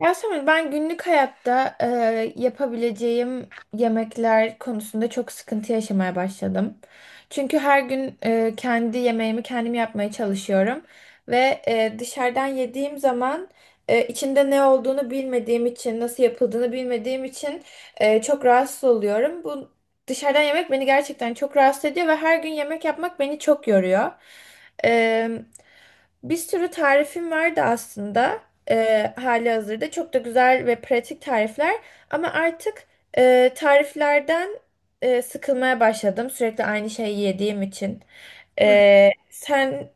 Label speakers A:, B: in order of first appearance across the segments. A: Yasemin, ben günlük hayatta yapabileceğim yemekler konusunda çok sıkıntı yaşamaya başladım. Çünkü her gün kendi yemeğimi kendim yapmaya çalışıyorum ve dışarıdan yediğim zaman içinde ne olduğunu bilmediğim için, nasıl yapıldığını bilmediğim için çok rahatsız oluyorum. Bu dışarıdan yemek beni gerçekten çok rahatsız ediyor ve her gün yemek yapmak beni çok yoruyor. E, Bir sürü tarifim vardı aslında hali hazırda. Çok da güzel ve pratik tarifler. Ama artık tariflerden sıkılmaya başladım. Sürekli aynı şeyi yediğim için. Sen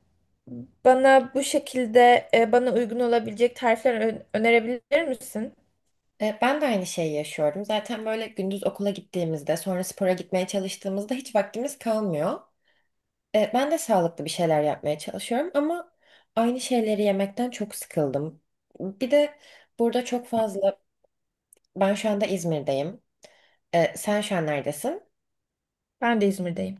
A: bana bu şekilde bana uygun olabilecek tarifler önerebilir misin?
B: Ben de aynı şeyi yaşıyorum. Zaten böyle gündüz okula gittiğimizde, sonra spora gitmeye çalıştığımızda hiç vaktimiz kalmıyor. Ben de sağlıklı bir şeyler yapmaya çalışıyorum ama aynı şeyleri yemekten çok sıkıldım. Bir de burada çok fazla, ben şu anda İzmir'deyim. Sen şu an neredesin?
A: Ben de İzmir'deyim.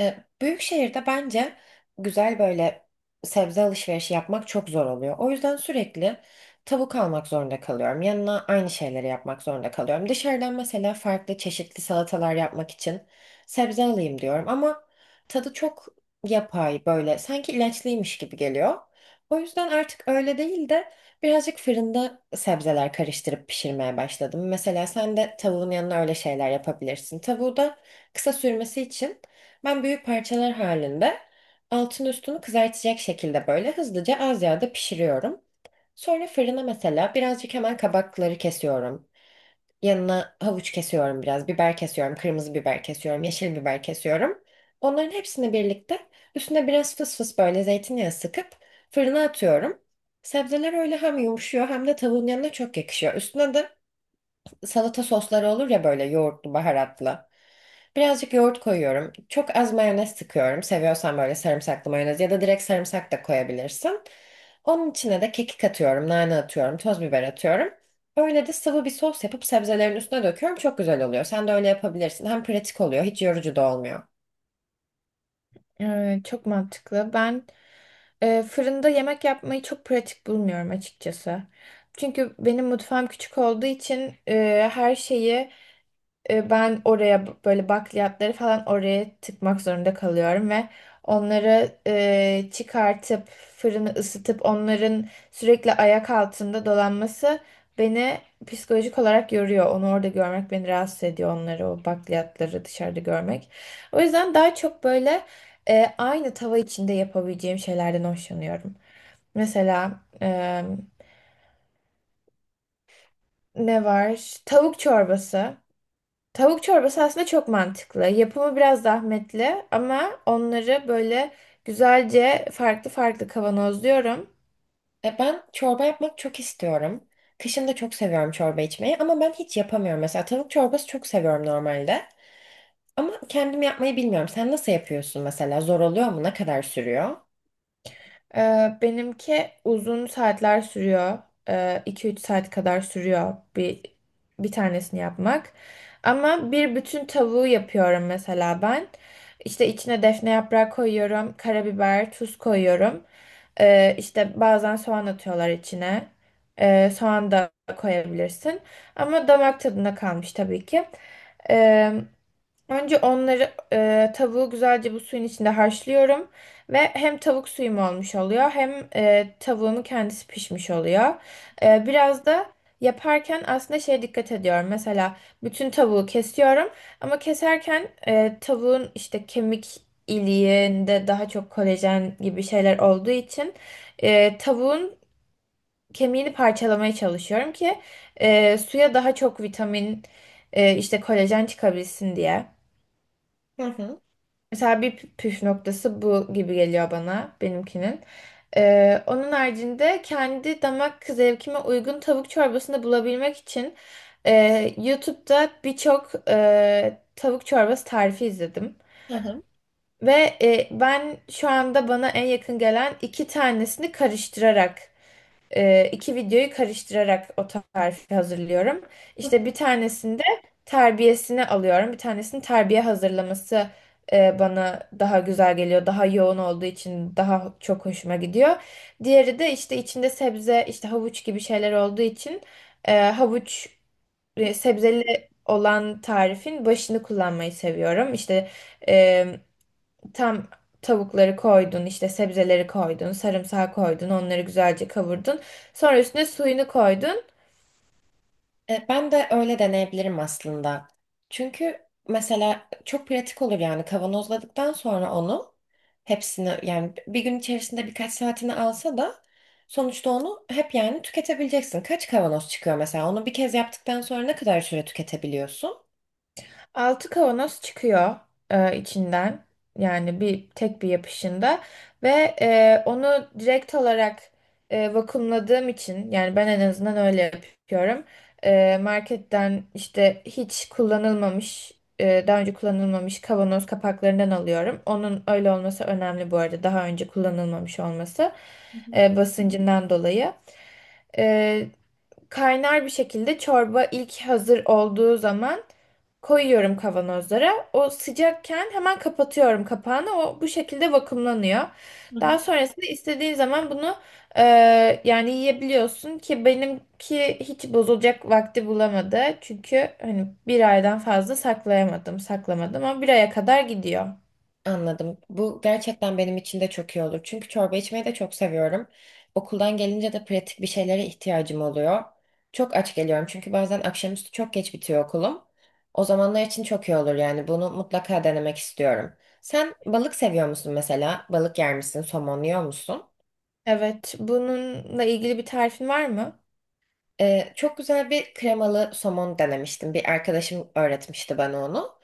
B: Büyük şehirde bence güzel böyle sebze alışverişi yapmak çok zor oluyor. O yüzden sürekli tavuk almak zorunda kalıyorum. Yanına aynı şeyleri yapmak zorunda kalıyorum. Dışarıdan mesela farklı çeşitli salatalar yapmak için sebze alayım diyorum ama tadı çok yapay böyle sanki ilaçlıymış gibi geliyor. O yüzden artık öyle değil de birazcık fırında sebzeler karıştırıp pişirmeye başladım. Mesela sen de tavuğun yanına öyle şeyler yapabilirsin. Tavuğu da kısa sürmesi için ben büyük parçalar halinde altın üstünü kızartacak şekilde böyle hızlıca az yağda pişiriyorum. Sonra fırına mesela birazcık hemen kabakları kesiyorum. Yanına havuç kesiyorum biraz, biber kesiyorum, kırmızı biber kesiyorum, yeşil biber kesiyorum. Onların hepsini birlikte üstüne biraz fıs fıs böyle zeytinyağı sıkıp fırına atıyorum. Sebzeler öyle hem yumuşuyor hem de tavuğun yanına çok yakışıyor. Üstüne de salata sosları olur ya böyle yoğurtlu, baharatlı. Birazcık yoğurt koyuyorum. Çok az mayonez sıkıyorum. Seviyorsan böyle sarımsaklı mayonez ya da direkt sarımsak da koyabilirsin. Onun içine de kekik atıyorum, nane atıyorum, toz biber atıyorum. Öyle de sıvı bir sos yapıp sebzelerin üstüne döküyorum. Çok güzel oluyor. Sen de öyle yapabilirsin. Hem pratik oluyor, hiç yorucu da olmuyor.
A: Evet, çok mantıklı. Ben fırında yemek yapmayı çok pratik bulmuyorum açıkçası. Çünkü benim mutfağım küçük olduğu için her şeyi ben oraya böyle bakliyatları falan oraya tıkmak zorunda kalıyorum ve onları çıkartıp fırını ısıtıp onların sürekli ayak altında dolanması beni psikolojik olarak yoruyor. Onu orada görmek beni rahatsız ediyor, onları o bakliyatları dışarıda görmek. O yüzden daha çok böyle aynı tava içinde yapabileceğim şeylerden hoşlanıyorum. Mesela ne var? Tavuk çorbası. Tavuk çorbası aslında çok mantıklı. Yapımı biraz zahmetli ama onları böyle güzelce farklı farklı kavanozluyorum.
B: E ben çorba yapmak çok istiyorum. Kışın da çok seviyorum çorba içmeyi ama ben hiç yapamıyorum. Mesela tavuk çorbası çok seviyorum normalde. Ama kendim yapmayı bilmiyorum. Sen nasıl yapıyorsun mesela? Zor oluyor mu? Ne kadar sürüyor?
A: Benimki uzun saatler sürüyor. 2-3 saat kadar sürüyor bir tanesini yapmak. Ama bir bütün tavuğu yapıyorum mesela ben. İşte içine defne yaprağı koyuyorum, karabiber, tuz koyuyorum. İşte bazen soğan atıyorlar içine. Soğan da koyabilirsin. Ama damak tadına kalmış tabii ki. Önce onları tavuğu güzelce bu suyun içinde haşlıyorum ve hem tavuk suyum olmuş oluyor hem tavuğumun kendisi pişmiş oluyor. Biraz da yaparken aslında şeye dikkat ediyorum. Mesela bütün tavuğu kesiyorum ama keserken tavuğun işte kemik iliğinde daha çok kolajen gibi şeyler olduğu için tavuğun kemiğini parçalamaya çalışıyorum ki suya daha çok vitamin, işte kolajen çıkabilsin diye.
B: Hı hı.
A: Mesela bir püf noktası bu gibi geliyor bana benimkinin. Onun haricinde kendi damak zevkime uygun tavuk çorbasını bulabilmek için e, YouTube'da birçok tavuk çorbası tarifi izledim.
B: Hı hı.
A: Ve ben şu anda bana en yakın gelen iki tanesini karıştırarak, iki videoyu karıştırarak o tarifi hazırlıyorum.
B: Hı hı.
A: İşte bir tanesinde terbiyesini alıyorum. Bir tanesini terbiye hazırlaması bana daha güzel geliyor. Daha yoğun olduğu için daha çok hoşuma gidiyor. Diğeri de işte içinde sebze, işte havuç gibi şeyler olduğu için havuç, sebzeli olan tarifin başını kullanmayı seviyorum. İşte e, tam tavukları koydun, işte sebzeleri koydun, sarımsağı koydun, onları güzelce kavurdun. Sonra üstüne suyunu koydun.
B: Ben de öyle deneyebilirim aslında. Çünkü mesela çok pratik olur yani kavanozladıktan sonra onu hepsini yani bir gün içerisinde birkaç saatini alsa da sonuçta onu hep yani tüketebileceksin. Kaç kavanoz çıkıyor mesela? Onu bir kez yaptıktan sonra ne kadar süre tüketebiliyorsun?
A: Altı kavanoz çıkıyor içinden. Yani bir tek bir yapışında, ve onu direkt olarak vakumladığım için yani ben en azından öyle yapıyorum. Marketten işte hiç kullanılmamış, daha önce kullanılmamış kavanoz kapaklarından alıyorum. Onun öyle olması önemli bu arada, daha önce kullanılmamış olması,
B: Hı
A: basıncından dolayı. E, Kaynar bir şekilde çorba ilk hazır olduğu zaman koyuyorum kavanozlara. O sıcakken hemen kapatıyorum kapağını. O bu şekilde vakumlanıyor.
B: hı.
A: Daha sonrasında istediğin zaman bunu e, yani yiyebiliyorsun ki benimki hiç bozulacak vakti bulamadı. Çünkü hani bir aydan fazla saklayamadım, saklamadım, ama bir aya kadar gidiyor.
B: Anladım. Bu gerçekten benim için de çok iyi olur. Çünkü çorba içmeyi de çok seviyorum. Okuldan gelince de pratik bir şeylere ihtiyacım oluyor. Çok aç geliyorum çünkü bazen akşamüstü çok geç bitiyor okulum. O zamanlar için çok iyi olur yani bunu mutlaka denemek istiyorum. Sen balık seviyor musun mesela? Balık yer misin? Somon yiyor musun?
A: Evet, bununla ilgili bir tarifin var mı?
B: Çok güzel bir kremalı somon denemiştim. Bir arkadaşım öğretmişti bana onu.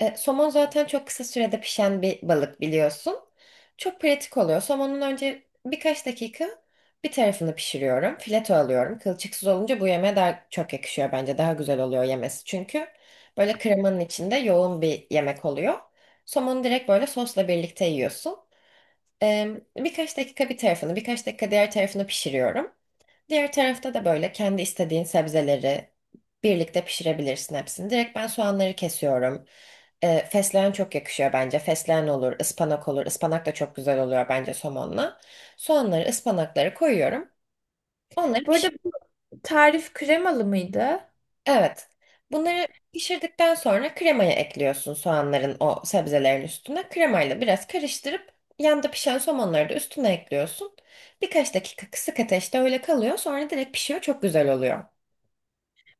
B: Somon zaten çok kısa sürede pişen bir balık biliyorsun. Çok pratik oluyor. Somonun önce birkaç dakika bir tarafını pişiriyorum. Fileto alıyorum. Kılçıksız olunca bu yemeğe daha çok yakışıyor bence. Daha güzel oluyor yemesi. Çünkü böyle kremanın içinde yoğun bir yemek oluyor. Somonu direkt böyle sosla birlikte yiyorsun. Ee, Birkaç dakika bir tarafını, birkaç dakika diğer tarafını pişiriyorum. Diğer tarafta da böyle kendi istediğin sebzeleri birlikte pişirebilirsin hepsini. Direkt ben soğanları kesiyorum. Fesleğen çok yakışıyor bence. Fesleğen olur, ıspanak olur. Ispanak da çok güzel oluyor bence somonla. Soğanları, ıspanakları koyuyorum. Onları
A: Bu arada
B: pişir.
A: bu tarif kremalı mıydı?
B: Evet. Bunları pişirdikten sonra kremayı ekliyorsun soğanların o sebzelerin üstüne. Kremayla biraz karıştırıp yanda pişen somonları da üstüne ekliyorsun. Birkaç dakika kısık ateşte öyle kalıyor. Sonra direkt pişiyor. Çok güzel oluyor.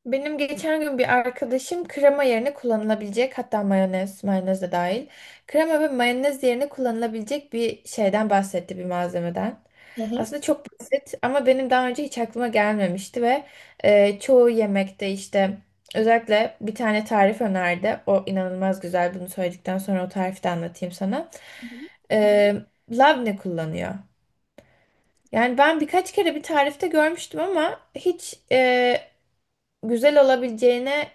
A: Benim geçen gün bir arkadaşım krema yerine kullanılabilecek, hatta mayonez, mayonez de dahil, krema ve mayonez yerine kullanılabilecek bir şeyden bahsetti, bir malzemeden.
B: Hı
A: Aslında çok basit ama benim daha önce hiç aklıma gelmemişti ve çoğu yemekte işte özellikle bir tane tarif önerdi. O inanılmaz güzel. Bunu söyledikten sonra o tarifi de anlatayım sana.
B: hı.
A: E, Labne kullanıyor. Yani ben birkaç kere bir tarifte görmüştüm ama hiç güzel olabileceğine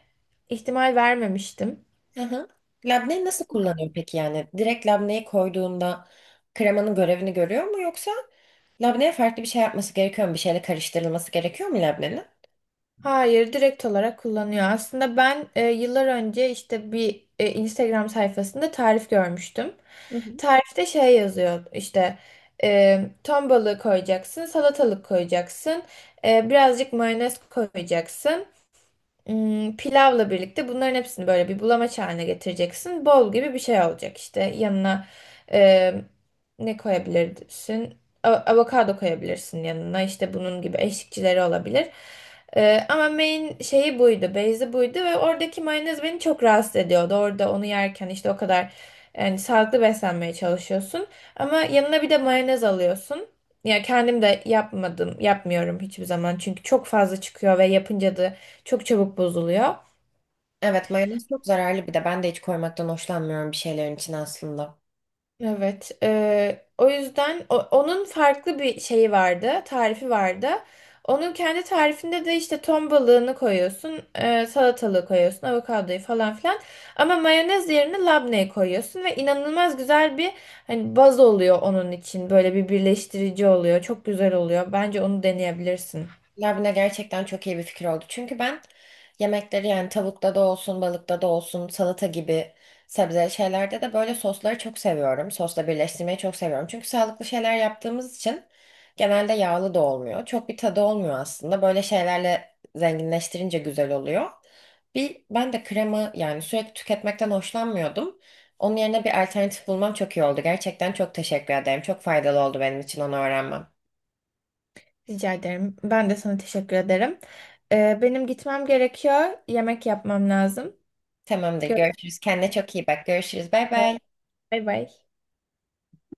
A: ihtimal vermemiştim.
B: Hı hı. Labneyi nasıl kullanıyor peki yani? Direkt labneyi koyduğunda kremanın görevini görüyor mu yoksa labneye farklı bir şey yapması gerekiyor mu? Bir şeyle karıştırılması gerekiyor mu labnenin?
A: Hayır, direkt olarak kullanıyor. Aslında ben yıllar önce işte bir, Instagram sayfasında tarif görmüştüm.
B: Hı hı.
A: Tarifte şey yazıyor işte, ton balığı koyacaksın, salatalık koyacaksın, birazcık mayonez koyacaksın. Pilavla birlikte bunların hepsini böyle bir bulamaç haline getireceksin. Bol gibi bir şey olacak işte. Yanına e, ne koyabilirsin? Avokado koyabilirsin yanına. İşte bunun gibi eşlikçileri olabilir. Ama main şeyi buydu. Base'i buydu ve oradaki mayonez beni çok rahatsız ediyordu. Orada onu yerken işte o kadar, yani sağlıklı beslenmeye çalışıyorsun ama yanına bir de mayonez alıyorsun. Ya kendim de yapmadım, yapmıyorum hiçbir zaman. Çünkü çok fazla çıkıyor ve yapınca da çok çabuk bozuluyor.
B: Evet mayonez çok zararlı bir de ben de hiç koymaktan hoşlanmıyorum bir şeylerin içine aslında.
A: Evet. O yüzden onun farklı bir şeyi vardı, tarifi vardı. Onun kendi tarifinde de işte ton balığını koyuyorsun, salatalığı koyuyorsun, avokadoyu falan filan. Ama mayonez yerine labneyi koyuyorsun ve inanılmaz güzel bir, hani, baz oluyor onun için. Böyle bir birleştirici oluyor. Çok güzel oluyor. Bence onu deneyebilirsin.
B: Labne gerçekten çok iyi bir fikir oldu. Çünkü ben yemekleri yani tavukta da olsun, balıkta da olsun, salata gibi sebze şeylerde de böyle sosları çok seviyorum. Sosla birleştirmeyi çok seviyorum. Çünkü sağlıklı şeyler yaptığımız için genelde yağlı da olmuyor. Çok bir tadı olmuyor aslında. Böyle şeylerle zenginleştirince güzel oluyor. Bir ben de krema yani sürekli tüketmekten hoşlanmıyordum. Onun yerine bir alternatif bulmam çok iyi oldu. Gerçekten çok teşekkür ederim. Çok faydalı oldu benim için onu öğrenmem.
A: Rica ederim. Ben de sana teşekkür ederim. Benim gitmem gerekiyor. Yemek yapmam lazım.
B: Tamamdır.
A: Görüşürüz.
B: Görüşürüz. Kendine çok iyi bak. Görüşürüz. Bay bay.
A: Bay bay.